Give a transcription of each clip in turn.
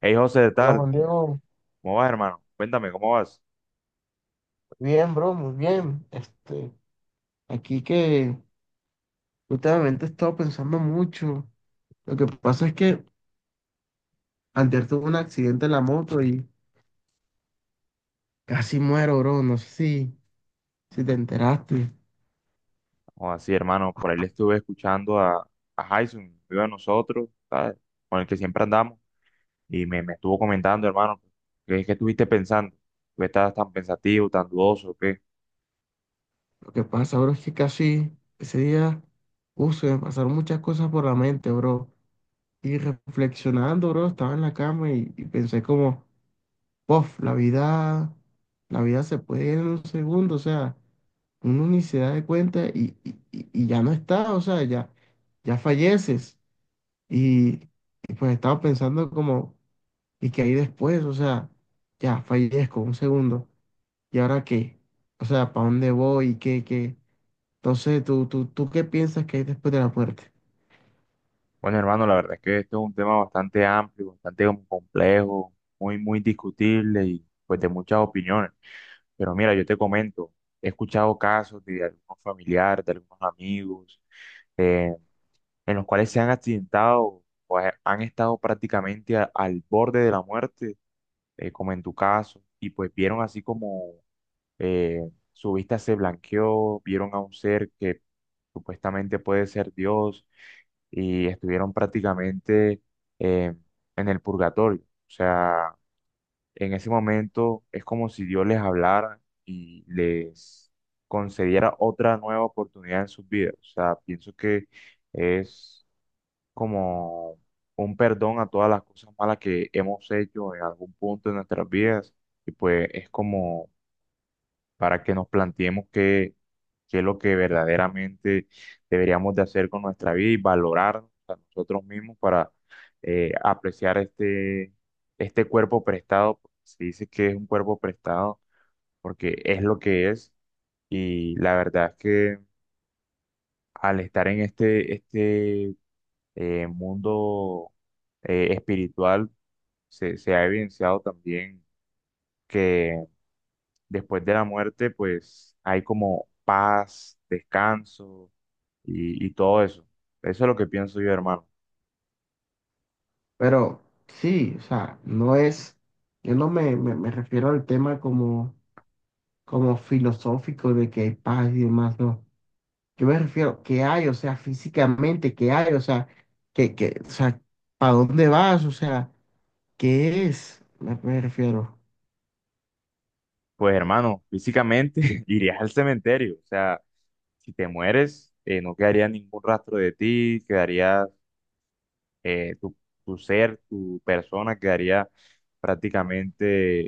Hey José, ¿qué Hola tal? Juan Diego, ¿Cómo vas, hermano? Cuéntame, ¿cómo vas? bien bro, muy bien. Aquí que últimamente he estado pensando mucho. Lo que pasa es que antes tuve un accidente en la moto y casi muero, bro. No sé si te enteraste. O así, hermano, por ahí le estuve escuchando a Jason, un amigo de nosotros, ¿sabes? Con el que siempre andamos, y me estuvo comentando, hermano, ¿qué estuviste pensando? ¿Por ¿Qué estabas tan pensativo, tan dudoso? ¿Qué? Lo que pasa, bro, es que casi ese día, se me pasaron muchas cosas por la mente, bro. Y reflexionando, bro, estaba en la cama y pensé como, pof, la vida se puede ir en un segundo, o sea, uno ni se da de cuenta y ya no está, o sea, ya falleces. Y, y pues estaba pensando como, ¿y qué hay después? O sea, ya fallezco un segundo, ¿y ahora qué? O sea, ¿para dónde voy? ¿Qué? Entonces, ¿ tú qué piensas que hay después de la muerte? Bueno, hermano, la verdad es que esto es un tema bastante amplio, bastante como complejo, muy discutible y pues de muchas opiniones. Pero mira, yo te comento, he escuchado casos de algunos familiares, de algunos amigos. eh, en los cuales se han accidentado o han estado prácticamente al borde de la muerte, como en tu caso, y pues vieron así como eh, su vista se blanqueó, vieron a un ser que supuestamente puede ser Dios y estuvieron prácticamente eh, en el purgatorio. O sea, en ese momento es como si Dios les hablara y les concediera otra nueva oportunidad en sus vidas. O sea, pienso que es como un perdón a todas las cosas malas que hemos hecho en algún punto de nuestras vidas. Y pues es como para que nos planteemos qué, qué es lo que verdaderamente deberíamos de hacer con nuestra vida y valorarnos a nosotros mismos para apreciar este cuerpo prestado. Se dice que es un cuerpo prestado porque es lo que es. Y la verdad es que al estar en este mundo espiritual se ha evidenciado también que después de la muerte, pues hay como paz, descanso y todo eso. Eso es lo que pienso yo, hermano. Pero sí, o sea, yo no me refiero al tema como filosófico de que hay paz y demás, no. Yo me refiero que hay, o sea, físicamente, que hay, o sea, o sea, ¿para dónde vas? O sea, ¿qué es? Me refiero. Pues, hermano, físicamente irías al cementerio. O sea, si te mueres, no quedaría ningún rastro de ti, quedarías tu, tu ser, tu persona quedaría prácticamente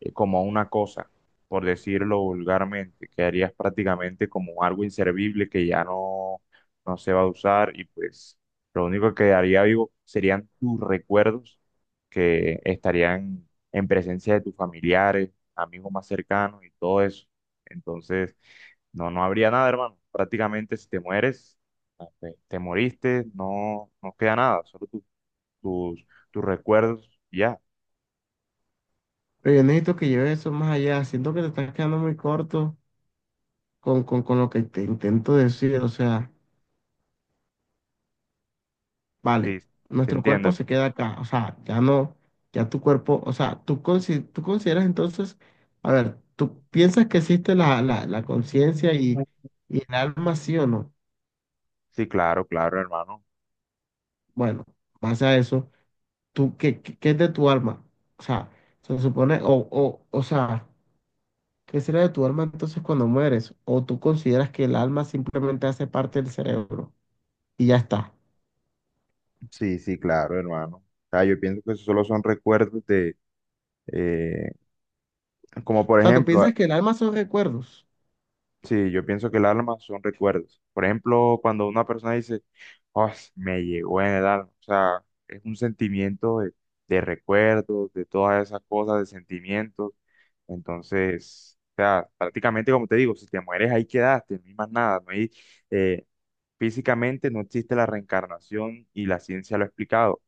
como una cosa, por decirlo vulgarmente, quedarías prácticamente como algo inservible que ya no, no se va a usar y pues lo único que quedaría vivo serían tus recuerdos que estarían en presencia de tus familiares, amigos más cercanos y todo eso. Entonces, no, no habría nada, hermano. Prácticamente si te mueres te moriste, no, no queda nada, solo tus, tus recuerdos, y ya, Pero yo necesito que lleves eso más allá. Siento que te estás quedando muy corto con lo que te intento decir. O sea, vale, sí, te nuestro cuerpo entiendo. se Pues. queda acá. O sea, ya no, ya tu cuerpo, o sea, tú consideras entonces, a ver, ¿tú piensas que existe la conciencia y el alma, sí o no? Sí, claro, claro, hermano. Bueno, base a eso, ¿tú, qué es de tu alma? O sea, se supone, o sea, ¿qué será de tu alma entonces cuando mueres? ¿O tú consideras que el alma simplemente hace parte del cerebro y ya está? Sí, sí, claro, hermano. O sea, yo pienso que eso solo son recuerdos de, eh, como O por sea, ¿tú ejemplo, piensas que el alma son recuerdos? sí, yo pienso que el alma son recuerdos. Por ejemplo, cuando una persona dice, oh, me llegó en el alma. O sea, es un sentimiento de recuerdos, de todas esas cosas, de sentimientos. Entonces, o sea, prácticamente como te digo, si te mueres ahí quedaste, no hay más nada. No hay, eh, físicamente no existe la reencarnación y la ciencia lo ha explicado.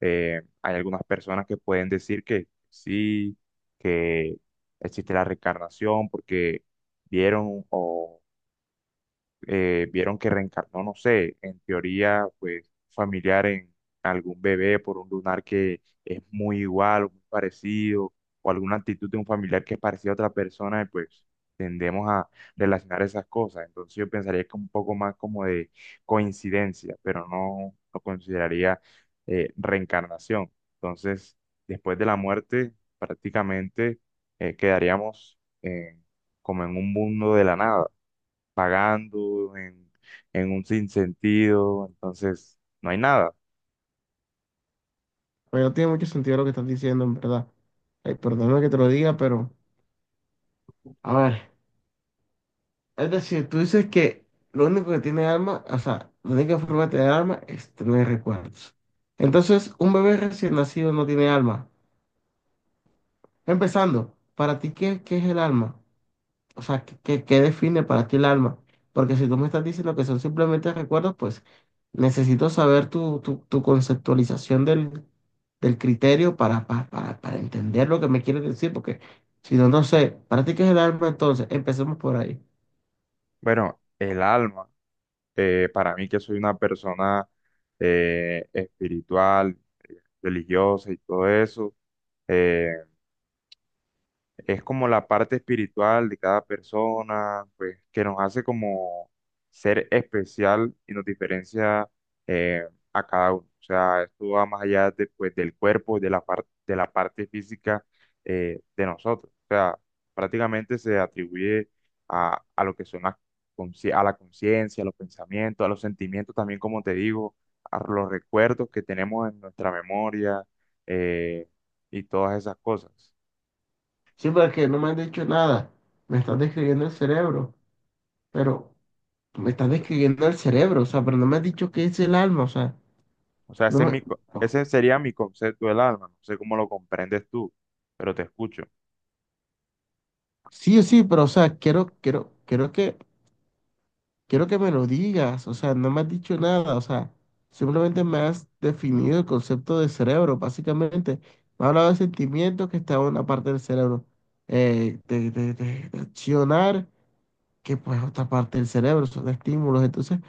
Hay algunas personas que pueden decir que sí, que existe la reencarnación porque vieron o vieron que reencarnó, no sé, en teoría, pues familiar en algún bebé por un lunar que es muy igual o muy parecido, o alguna actitud de un familiar que es parecido a otra persona, y pues tendemos a relacionar esas cosas. Entonces yo pensaría que un poco más como de coincidencia, pero no lo consideraría reencarnación. Entonces, después de la muerte, prácticamente quedaríamos como en un mundo de la nada pagando en un sinsentido, entonces no hay nada. Pues no tiene mucho sentido lo que estás diciendo, en verdad. Ay, perdóname que te lo diga, pero, a ver, es decir, tú dices que lo único que tiene alma, o sea, la única forma de tener alma es tener recuerdos. Entonces, un bebé recién nacido no tiene alma. Empezando, para ti, ¿qué es el alma? O sea, ¿qué, qué define para ti el alma? Porque si tú me estás diciendo que son simplemente recuerdos, pues necesito saber tu conceptualización del, del criterio para entender lo que me quieres decir, porque si no, no sé, para ti, ¿qué es el alma entonces? Empecemos por ahí. Bueno, el alma, para mí que soy una persona espiritual, religiosa y todo eso, eh, es como la parte espiritual de cada persona, pues que nos hace como ser especial y nos diferencia eh, a cada uno. O sea, esto va más allá de, pues, del cuerpo, de la parte física de nosotros. O sea, prácticamente se atribuye a lo que son las a la conciencia, a los pensamientos, a los sentimientos también, como te digo, a los recuerdos que tenemos en nuestra memoria eh, y todas esas cosas. Sí, porque no me has dicho nada, me estás describiendo el cerebro, pero me estás describiendo el cerebro, o sea, pero no me has dicho qué es el alma, o sea, O sea, no ese es me... mi, ese sería mi concepto del alma. No sé cómo lo comprendes tú, pero te escucho. Sí, sí, pero o sea, quiero que me lo digas. O sea, no me has dicho nada. O sea, simplemente me has definido el concepto de cerebro, básicamente. Me has hablado de sentimientos que está en una parte del cerebro, de, de accionar, que pues otra parte del cerebro, son estímulos. Entonces,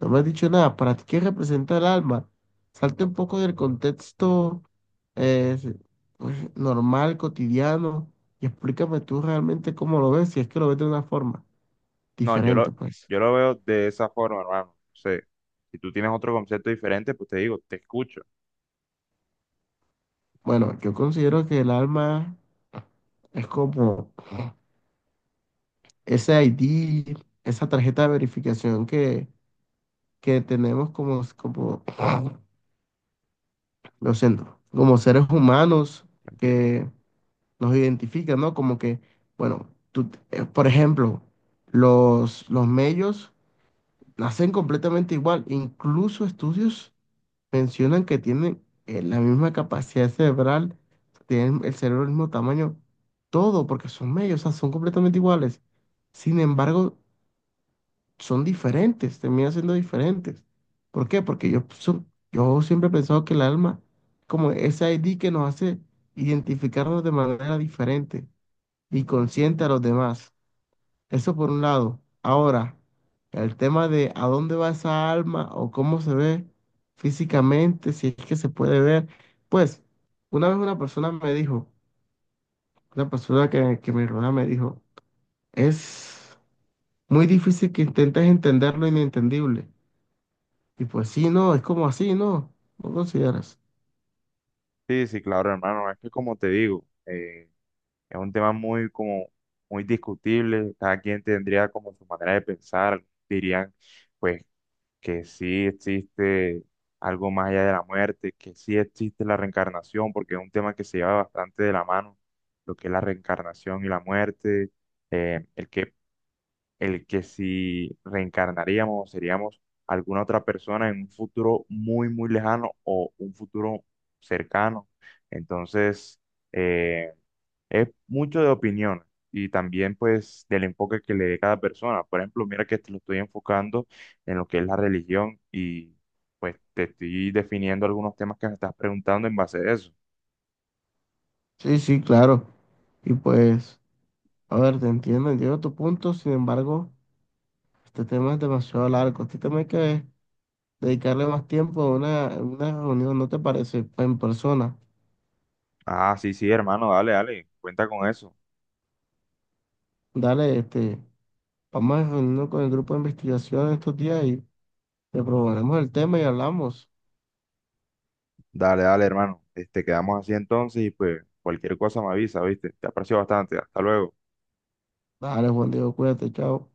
no me has dicho nada. ¿Para ti qué representa el alma? Salte No, un poco del contexto eh, pues, normal, cotidiano, y explícame tú realmente cómo lo ves, si es que lo ves de una forma no, diferente, pues. yo lo veo de esa forma, hermano. No sé. Si tú tienes otro concepto diferente, pues te digo, te escucho. Bueno, yo considero que el alma es como ese ID, esa tarjeta de verificación que tenemos como, como, lo siento, como seres humanos Tranquilo. que nos identifica, ¿no? Como que, bueno, tú, por ejemplo, los mellos nacen completamente igual. Incluso estudios mencionan que tienen la misma capacidad cerebral, tienen el cerebro del mismo tamaño, todo, porque son mellos, o sea, son completamente iguales. Sin embargo, son diferentes, terminan siendo diferentes. ¿Por qué? Porque yo siempre he pensado que el alma, como ese ID que nos hace identificarnos de manera diferente y consiente a los demás. Eso por un lado. Ahora, el tema de a dónde va esa alma o cómo se ve físicamente, si es que se puede ver. Pues, una vez una persona me dijo, una persona que me rodea me dijo, es muy difícil que intentes entender lo inentendible. Y pues sí, no, es como así, ¿no? ¿No consideras? Sí, sí, claro, hermano. Es que como te digo, es un tema muy como muy discutible. Cada quien tendría como su manera de pensar. Dirían, pues que sí existe algo más allá de la muerte, que sí existe la reencarnación, porque es un tema que se lleva bastante de la mano, lo que es la reencarnación y la muerte, eh, el que el que si reencarnaríamos, seríamos alguna otra persona en un futuro muy, muy lejano o un futuro cercano. Entonces, eh, es mucho de opinión y también pues del enfoque que le dé cada persona. Por ejemplo, mira que te lo estoy enfocando en lo que es la religión y pues te estoy definiendo algunos temas que me estás preguntando en base a eso. Sí, sí, claro. Y pues, a ver, te entiendo, entiendo tu punto, sin embargo, este tema es demasiado largo. Este tema hay que dedicarle más tiempo a una reunión, ¿no te parece? En persona. Ah, sí, sí, hermano, dale, dale, cuenta con eso. Dale, este, vamos a reunirnos con el grupo de investigación estos días y le proponemos el tema y hablamos. Dale, dale, hermano. Este, quedamos así entonces y pues cualquier cosa me avisa, ¿viste? Te aprecio bastante. Hasta luego. Dale, Juan Diego, cuídate, chao.